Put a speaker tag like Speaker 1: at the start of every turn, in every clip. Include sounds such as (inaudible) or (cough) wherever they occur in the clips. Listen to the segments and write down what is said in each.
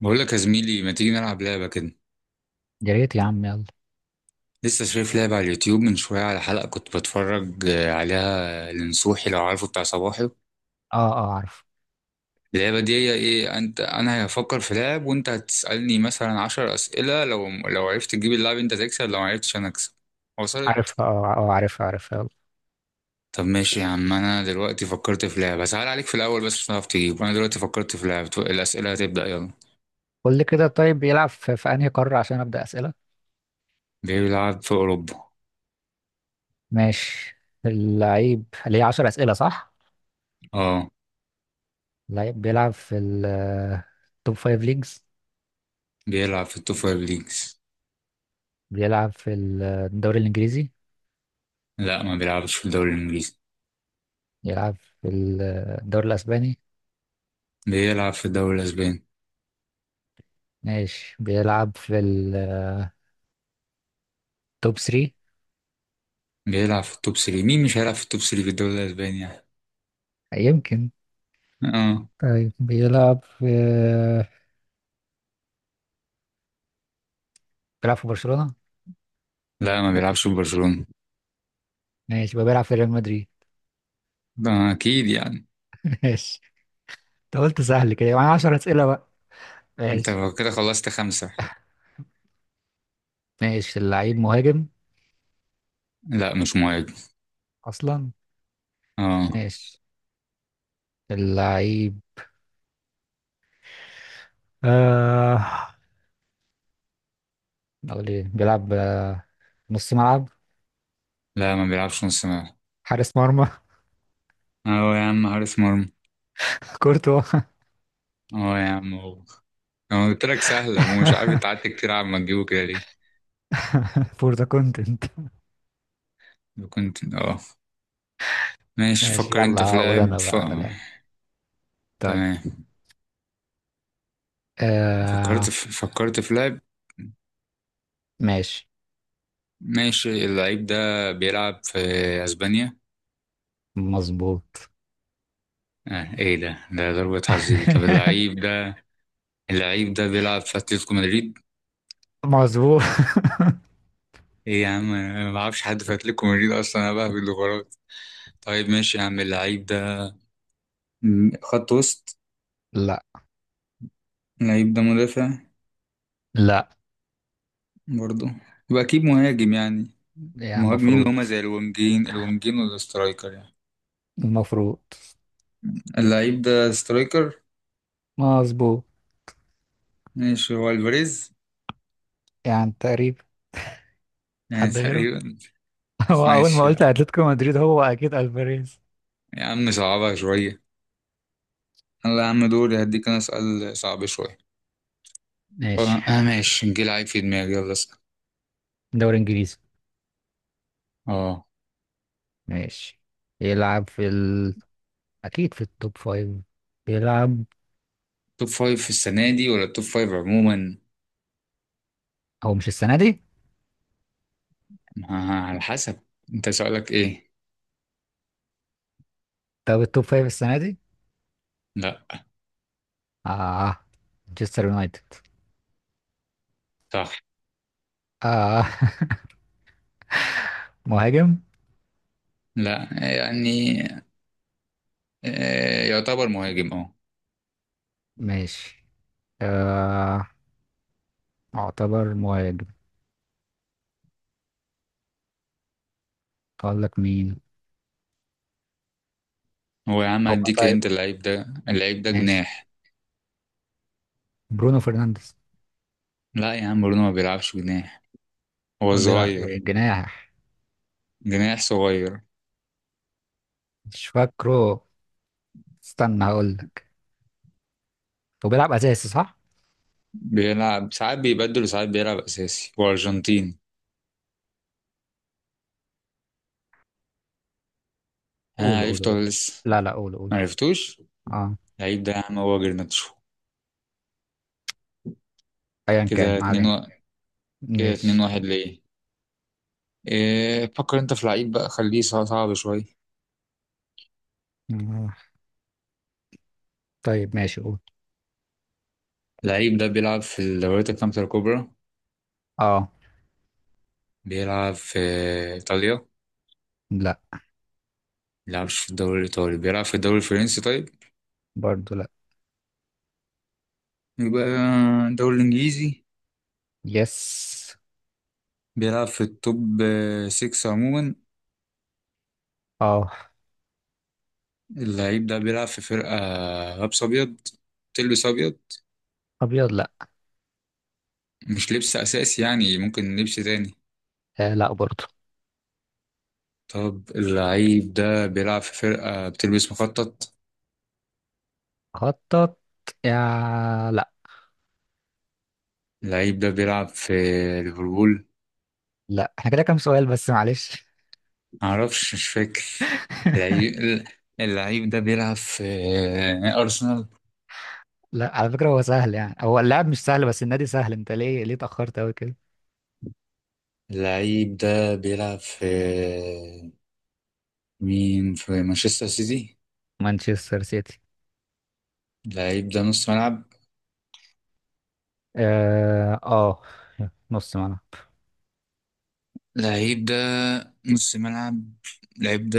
Speaker 1: بقول لك يا زميلي، ما تيجي نلعب لعبة كده؟
Speaker 2: يا ريت يا عم يلا.
Speaker 1: لسه شايف لعبة على اليوتيوب من شوية، على حلقة كنت بتفرج عليها لنصوحي، لو عارفه، بتاع صباحي.
Speaker 2: اه اه، عارف.
Speaker 1: اللعبة دي هي ايه، انت انا هفكر في لعب وانت هتسألني مثلا عشر أسئلة، لو عرفت تجيب اللعب انت تكسب، لو معرفتش انا اكسب. وصلت؟
Speaker 2: عارفها، اه اه، عارفها عارفها يلا.
Speaker 1: طب ماشي يا عم، انا دلوقتي فكرت في لعبة سهل عليك في الاول بس مش هتعرف تجيب، انا دلوقتي فكرت في لعبة، الأسئلة هتبدأ، يلا.
Speaker 2: قول لي كده. طيب بيلعب في انهي قارة عشان ابدأ أسئلة؟
Speaker 1: بيلعب في اوروبا.
Speaker 2: ماشي. اللعيب اللي هي 10 أسئلة صح؟
Speaker 1: اه.
Speaker 2: اللعيب بيلعب في التوب 5 ليجز.
Speaker 1: بيلعب في التوب فايف ليجز.
Speaker 2: بيلعب في الدوري الإنجليزي.
Speaker 1: لا، ما بيلعبش في الدوري الانجليزي.
Speaker 2: بيلعب في الدوري الأسباني.
Speaker 1: بيلعب في الدوري الاسباني.
Speaker 2: ماشي، بيلعب في التوب 3.
Speaker 1: بيلعب في التوب 3، مين مش هيلعب في التوب 3 في الدوري الاسباني يعني.
Speaker 2: يمكن.
Speaker 1: اه.
Speaker 2: طيب بيلعب في، برشلونة
Speaker 1: لا، ما بيلعبش في برشلونة.
Speaker 2: ماشي، يبقى بيلعب في ريال مدريد.
Speaker 1: ده اكيد يعني.
Speaker 2: (laughs) ماشي. انت قلت سهل كده يعني، 10 أسئلة بقى.
Speaker 1: انت
Speaker 2: ماشي.
Speaker 1: كده خلصت خمسة.
Speaker 2: ماشي، اللعيب مهاجم
Speaker 1: لا، مش مهاجم.
Speaker 2: اصلا؟
Speaker 1: اه.
Speaker 2: ماشي. اللعيب آه، اقول ايه، بيلعب نص ملعب؟
Speaker 1: لا، ما بيلعبش نص ملعب.
Speaker 2: حارس مرمى؟ (laughs)
Speaker 1: اه يا عم، حارس مرمى.
Speaker 2: كورتوا. (laughs)
Speaker 1: اه يا عم، هو. انا قلت لك سهلة ومش عارف انت قعدت كتير على ما تجيبه كده ليه.
Speaker 2: فور ذا كونتنت.
Speaker 1: كنت، اه. ماشي
Speaker 2: ماشي،
Speaker 1: فكر
Speaker 2: يلا
Speaker 1: انت في
Speaker 2: هقول انا
Speaker 1: لاعب
Speaker 2: بقى على لاعب. طيب.
Speaker 1: تمام.
Speaker 2: آه.
Speaker 1: فكرت في لاعب.
Speaker 2: ماشي.
Speaker 1: ماشي اللعيب ده بيلعب في اسبانيا.
Speaker 2: مظبوط.
Speaker 1: آه ايه ده ضربة حظ دي، طب اللعيب
Speaker 2: (laughs)
Speaker 1: ده، اللعيب ده بيلعب في اتلتيكو مدريد.
Speaker 2: مظبوط.
Speaker 1: ايه يا عم، انا ما اعرفش حد في اتلتيكو مدريد اصلا، انا بهبد الغرات. طيب ماشي يا عم، اللعيب ده خط وسط.
Speaker 2: لا.
Speaker 1: اللعيب ده مدافع.
Speaker 2: لا.
Speaker 1: برضه. يبقى اكيد مهاجم يعني.
Speaker 2: يعني
Speaker 1: المهاجمين اللي
Speaker 2: المفروض.
Speaker 1: هما زي الونجين الونجين والاسترايكر يعني.
Speaker 2: المفروض.
Speaker 1: اللعيب ده سترايكر.
Speaker 2: مظبوط.
Speaker 1: ماشي هو الفاريز.
Speaker 2: يعني تقريبا.
Speaker 1: يعني
Speaker 2: حد
Speaker 1: (laughs)
Speaker 2: غيره؟
Speaker 1: تقريبا.
Speaker 2: (laughs) هو اول ما
Speaker 1: ماشي يعني.
Speaker 2: قلت اتلتيكو مدريد هو اكيد الفاريز.
Speaker 1: يا عم صعبها شوية. يلا يا عم، دوري هديك انا سؤال صعب شوية.
Speaker 2: ماشي.
Speaker 1: اه، ماشي نجيل لعيب في دماغي، يلا اسأل.
Speaker 2: دوري انجليزي.
Speaker 1: اه،
Speaker 2: ماشي. يلعب في ال... أكيد في التوب فايف. بيلعب.
Speaker 1: توب فايف في السنة دي ولا توب فايف عموما؟
Speaker 2: هو مش السنة دي.
Speaker 1: آه، على حسب انت سؤالك ايه.
Speaker 2: طب التوب فايف السنة دي.
Speaker 1: لا.
Speaker 2: آه. مانشستر يونايتد.
Speaker 1: صح.
Speaker 2: آه. (laughs) مهاجم.
Speaker 1: لا. يعني يعتبر مهاجم، اه.
Speaker 2: ماشي. آه، اعتبر مهاجم. اقول لك مين.
Speaker 1: هو يا عم
Speaker 2: هو
Speaker 1: هديك
Speaker 2: طيب.
Speaker 1: انت، اللعيب ده
Speaker 2: ماشي،
Speaker 1: جناح.
Speaker 2: برونو فرنانديز.
Speaker 1: لا يا عم، برونو ما بيلعبش جناح. هو
Speaker 2: هو بيلعب
Speaker 1: صغير.
Speaker 2: إيه، جناح؟
Speaker 1: جناح صغير.
Speaker 2: مش فاكره، استنى هقول لك. هو بيلعب اساسي صح؟
Speaker 1: بيلعب ساعات بيبدل وساعات بيلعب اساسي، هو ارجنتيني. انا
Speaker 2: قوله قوله
Speaker 1: عرفته
Speaker 2: قوله.
Speaker 1: ولا لسه؟
Speaker 2: لا لا، قوله قوله.
Speaker 1: معرفتوش.
Speaker 2: اه.
Speaker 1: اللعيب ده يا عم هو جرناتشو.
Speaker 2: ايا كان،
Speaker 1: كده
Speaker 2: ما علينا.
Speaker 1: كده اتنين
Speaker 2: ماشي.
Speaker 1: واحد ليه. إيه فكر انت في لعيب بقى، خليه صعب شوية.
Speaker 2: آه. طيب ماشي، قول.
Speaker 1: اللعيب ده بيلعب في الدوريات الخمسة الكبرى.
Speaker 2: اه.
Speaker 1: بيلعب في إيطاليا.
Speaker 2: لا.
Speaker 1: بيلعبش في الدوري الإيطالي، بيلعب في الدوري الفرنسي طيب.
Speaker 2: برضو لا.
Speaker 1: يبقى الدوري الإنجليزي.
Speaker 2: يس.
Speaker 1: بيلعب في التوب 6 عموما.
Speaker 2: اه.
Speaker 1: اللعيب ده بيلعب في فرقة لابس أبيض، تلبس أبيض.
Speaker 2: ابيض لا.
Speaker 1: مش لبس أساسي يعني ممكن لبس تاني.
Speaker 2: آه، لا برضو.
Speaker 1: طب اللعيب ده بيلعب في فرقة بتلبس مخطط.
Speaker 2: خطط، يا لا.
Speaker 1: اللعيب ده بيلعب في ليفربول.
Speaker 2: لا احنا كده كام سؤال بس، معلش.
Speaker 1: معرفش مش فاكر. اللعيب اللعيب ده بيلعب في أرسنال.
Speaker 2: لا على فكرة هو سهل، يعني هو اللاعب مش سهل بس النادي سهل. انت ليه اتأخرت قوي كده؟
Speaker 1: اللعيب ده بيلعب في مين في مانشستر سيتي.
Speaker 2: مانشستر سيتي.
Speaker 1: اللعيب ده نص ملعب.
Speaker 2: اه آه، نص ملعب.
Speaker 1: اللعيب ده نص ملعب. اللعيب ده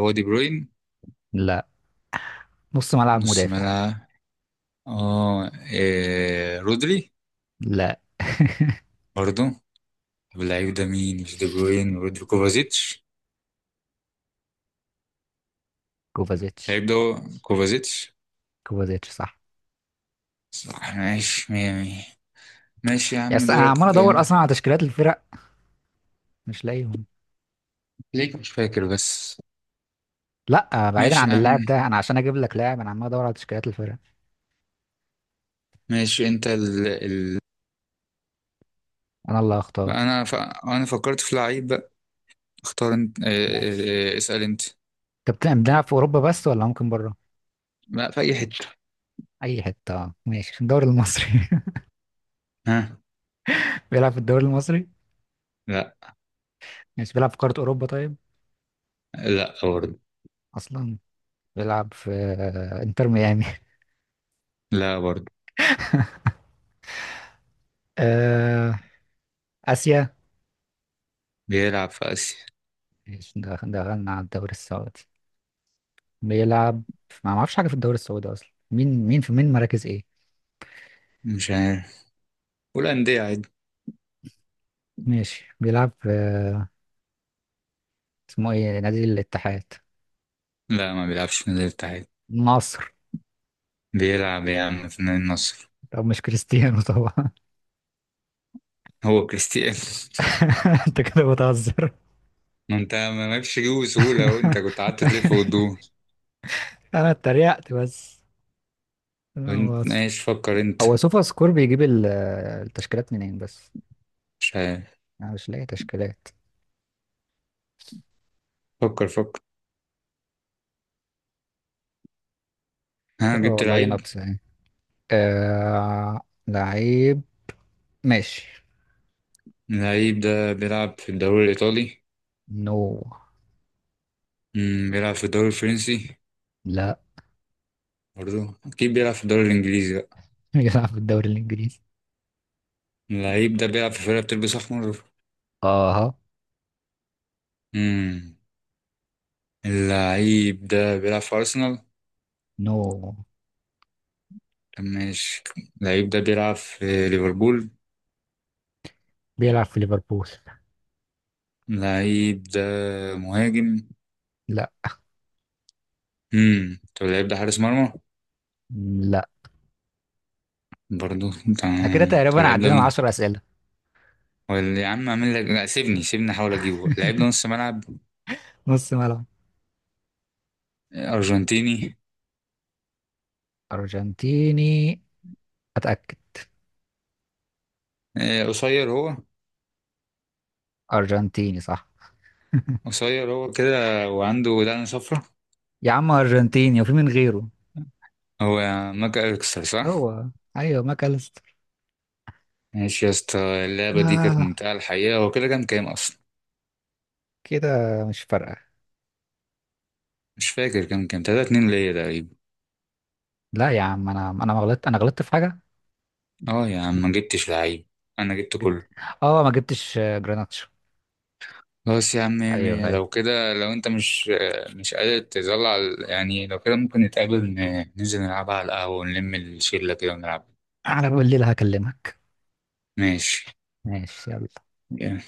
Speaker 1: وادي بروين.
Speaker 2: لا. نص ملعب
Speaker 1: نص
Speaker 2: مدافع.
Speaker 1: ملعب. اه رودري.
Speaker 2: لا.
Speaker 1: برضو. طب اللعيب ده مين، مش دي بروين، رودري، كوفازيتش.
Speaker 2: كوفازيتش.
Speaker 1: اللعيب ده هو كوفازيتش.
Speaker 2: كوفازيتش صح.
Speaker 1: صح ماشي مية مية. ماشي يا عم
Speaker 2: يس، انا
Speaker 1: دورك.
Speaker 2: عمال ادور اصلا على تشكيلات الفرق، مش لاقيهم.
Speaker 1: ليك مش فاكر بس.
Speaker 2: لا بعيدا
Speaker 1: ماشي يا
Speaker 2: عن اللاعب
Speaker 1: عم.
Speaker 2: ده، انا عشان اجيب لك لاعب انا عمال ادور على تشكيلات الفرق.
Speaker 1: ماشي انت
Speaker 2: انا اللي هختار
Speaker 1: انا فكرت في لعيب بقى. اختار انت،
Speaker 2: ماشي.
Speaker 1: اسأل انت.
Speaker 2: طب بتلعب في اوروبا بس ولا ممكن بره؟
Speaker 1: لا، في اي حتة.
Speaker 2: اي حته، آه ماشي. في الدوري المصري؟ (laughs)
Speaker 1: ها.
Speaker 2: بيلعب في الدوري المصري.
Speaker 1: لا.
Speaker 2: ماشي، بيلعب في قاره اوروبا طيب؟
Speaker 1: لا برضه.
Speaker 2: اصلا. بيلعب في انتر ميامي؟ (laughs)
Speaker 1: لا برضه.
Speaker 2: آه، اسيا.
Speaker 1: بيلعب في اسيا.
Speaker 2: ماشي، دخلنا على الدوري السعودي. بيلعب. ما اعرفش حاجه في الدوري السعودي اصلا، مين مراكز ايه.
Speaker 1: مش عارف. والأندية عادي.
Speaker 2: ماشي، بيلعب في، اسمه ايه، نادي الاتحاد؟
Speaker 1: لا، ما بيلعبش في نادي الاتحاد.
Speaker 2: النصر.
Speaker 1: بيلعب يا عم في نادي النصر.
Speaker 2: طب مش كريستيانو طبعا.
Speaker 1: هو كريستيانو (laughs)
Speaker 2: (laughs) انت كده بتهزر.
Speaker 1: ما انت مالكش جيبه بسهولة اهو، انت كنت قعدت تلف
Speaker 2: (laughs)
Speaker 1: وتدور.
Speaker 2: انا اتريقت بس. لا، هو
Speaker 1: وانت ماشي فكر انت.
Speaker 2: هو. سوفا سكور بيجيب ال... التشكيلات منين بس؟
Speaker 1: مش عارف.
Speaker 2: انا مش لاقي تشكيلات.
Speaker 1: فكر فكر. ها،
Speaker 2: اه
Speaker 1: جبت
Speaker 2: والله
Speaker 1: لعيب؟
Speaker 2: ناقص يعني. آه... لعيب. ماشي.
Speaker 1: اللعيب ده بيلعب في الدوري الإيطالي.
Speaker 2: نو.
Speaker 1: بيلعب في الدوري الفرنسي.
Speaker 2: لا.
Speaker 1: برضه أكيد بيلعب في الدوري الإنجليزي بقى.
Speaker 2: (laughs) بيلعب في الدوري الانجليزي.
Speaker 1: اللعيب ده بيلعب في فرقة بتلبس أحمر.
Speaker 2: اه.
Speaker 1: مم. اللعيب ده بيلعب في أرسنال.
Speaker 2: نو.
Speaker 1: طب ماشي. اللعيب ده بيلعب في ليفربول.
Speaker 2: بيلعب في ليفربول.
Speaker 1: اللعيب ده مهاجم.
Speaker 2: لا.
Speaker 1: مم. طب اللعيب ده حارس مرمى.
Speaker 2: لا
Speaker 1: برضه.
Speaker 2: احنا كده
Speaker 1: تمام طب
Speaker 2: تقريبا
Speaker 1: اللعيب ده
Speaker 2: عدينا من 10 اسئله.
Speaker 1: ولا يا عم اعمل لك، لا، سيبني سيبني احاول اجيبه. اللعيب ده نص ملعب.
Speaker 2: (laughs) نص ملعب.
Speaker 1: ارجنتيني.
Speaker 2: ارجنتيني. اتاكد.
Speaker 1: قصير هو.
Speaker 2: ارجنتيني صح؟
Speaker 1: قصير هو كده وعنده دقن صفرا.
Speaker 2: يا عم ارجنتيني وفي من غيره؟
Speaker 1: هو ماك أليكسر صح؟
Speaker 2: هو. ايوه ماكاليستر.
Speaker 1: ماشي يا اسطى. اللعبة دي كانت
Speaker 2: آه
Speaker 1: ممتعة الحقيقة، هو كده كام كام أصلا؟
Speaker 2: كده، مش فارقه.
Speaker 1: مش فاكر، كام كام تلاتة اتنين ليا تقريبا.
Speaker 2: لا يا عم انا ما غلطت، انا غلطت في حاجه.
Speaker 1: اه يا عم ما جبتش لعيب. أنا جبت
Speaker 2: جبت.
Speaker 1: كله.
Speaker 2: اه ما جبتش جراناتشو.
Speaker 1: خلاص يا عم مية
Speaker 2: ايوه
Speaker 1: مية.
Speaker 2: ايوه.
Speaker 1: لو كده لو أنت مش قادر تظل على يعني، لو كده ممكن نتقابل ننزل نلعبها على القهوة ونلم الشلة كده ونلعب.
Speaker 2: على بالليل هكلمك.
Speaker 1: ماشي
Speaker 2: ماشي يلا.
Speaker 1: يلا.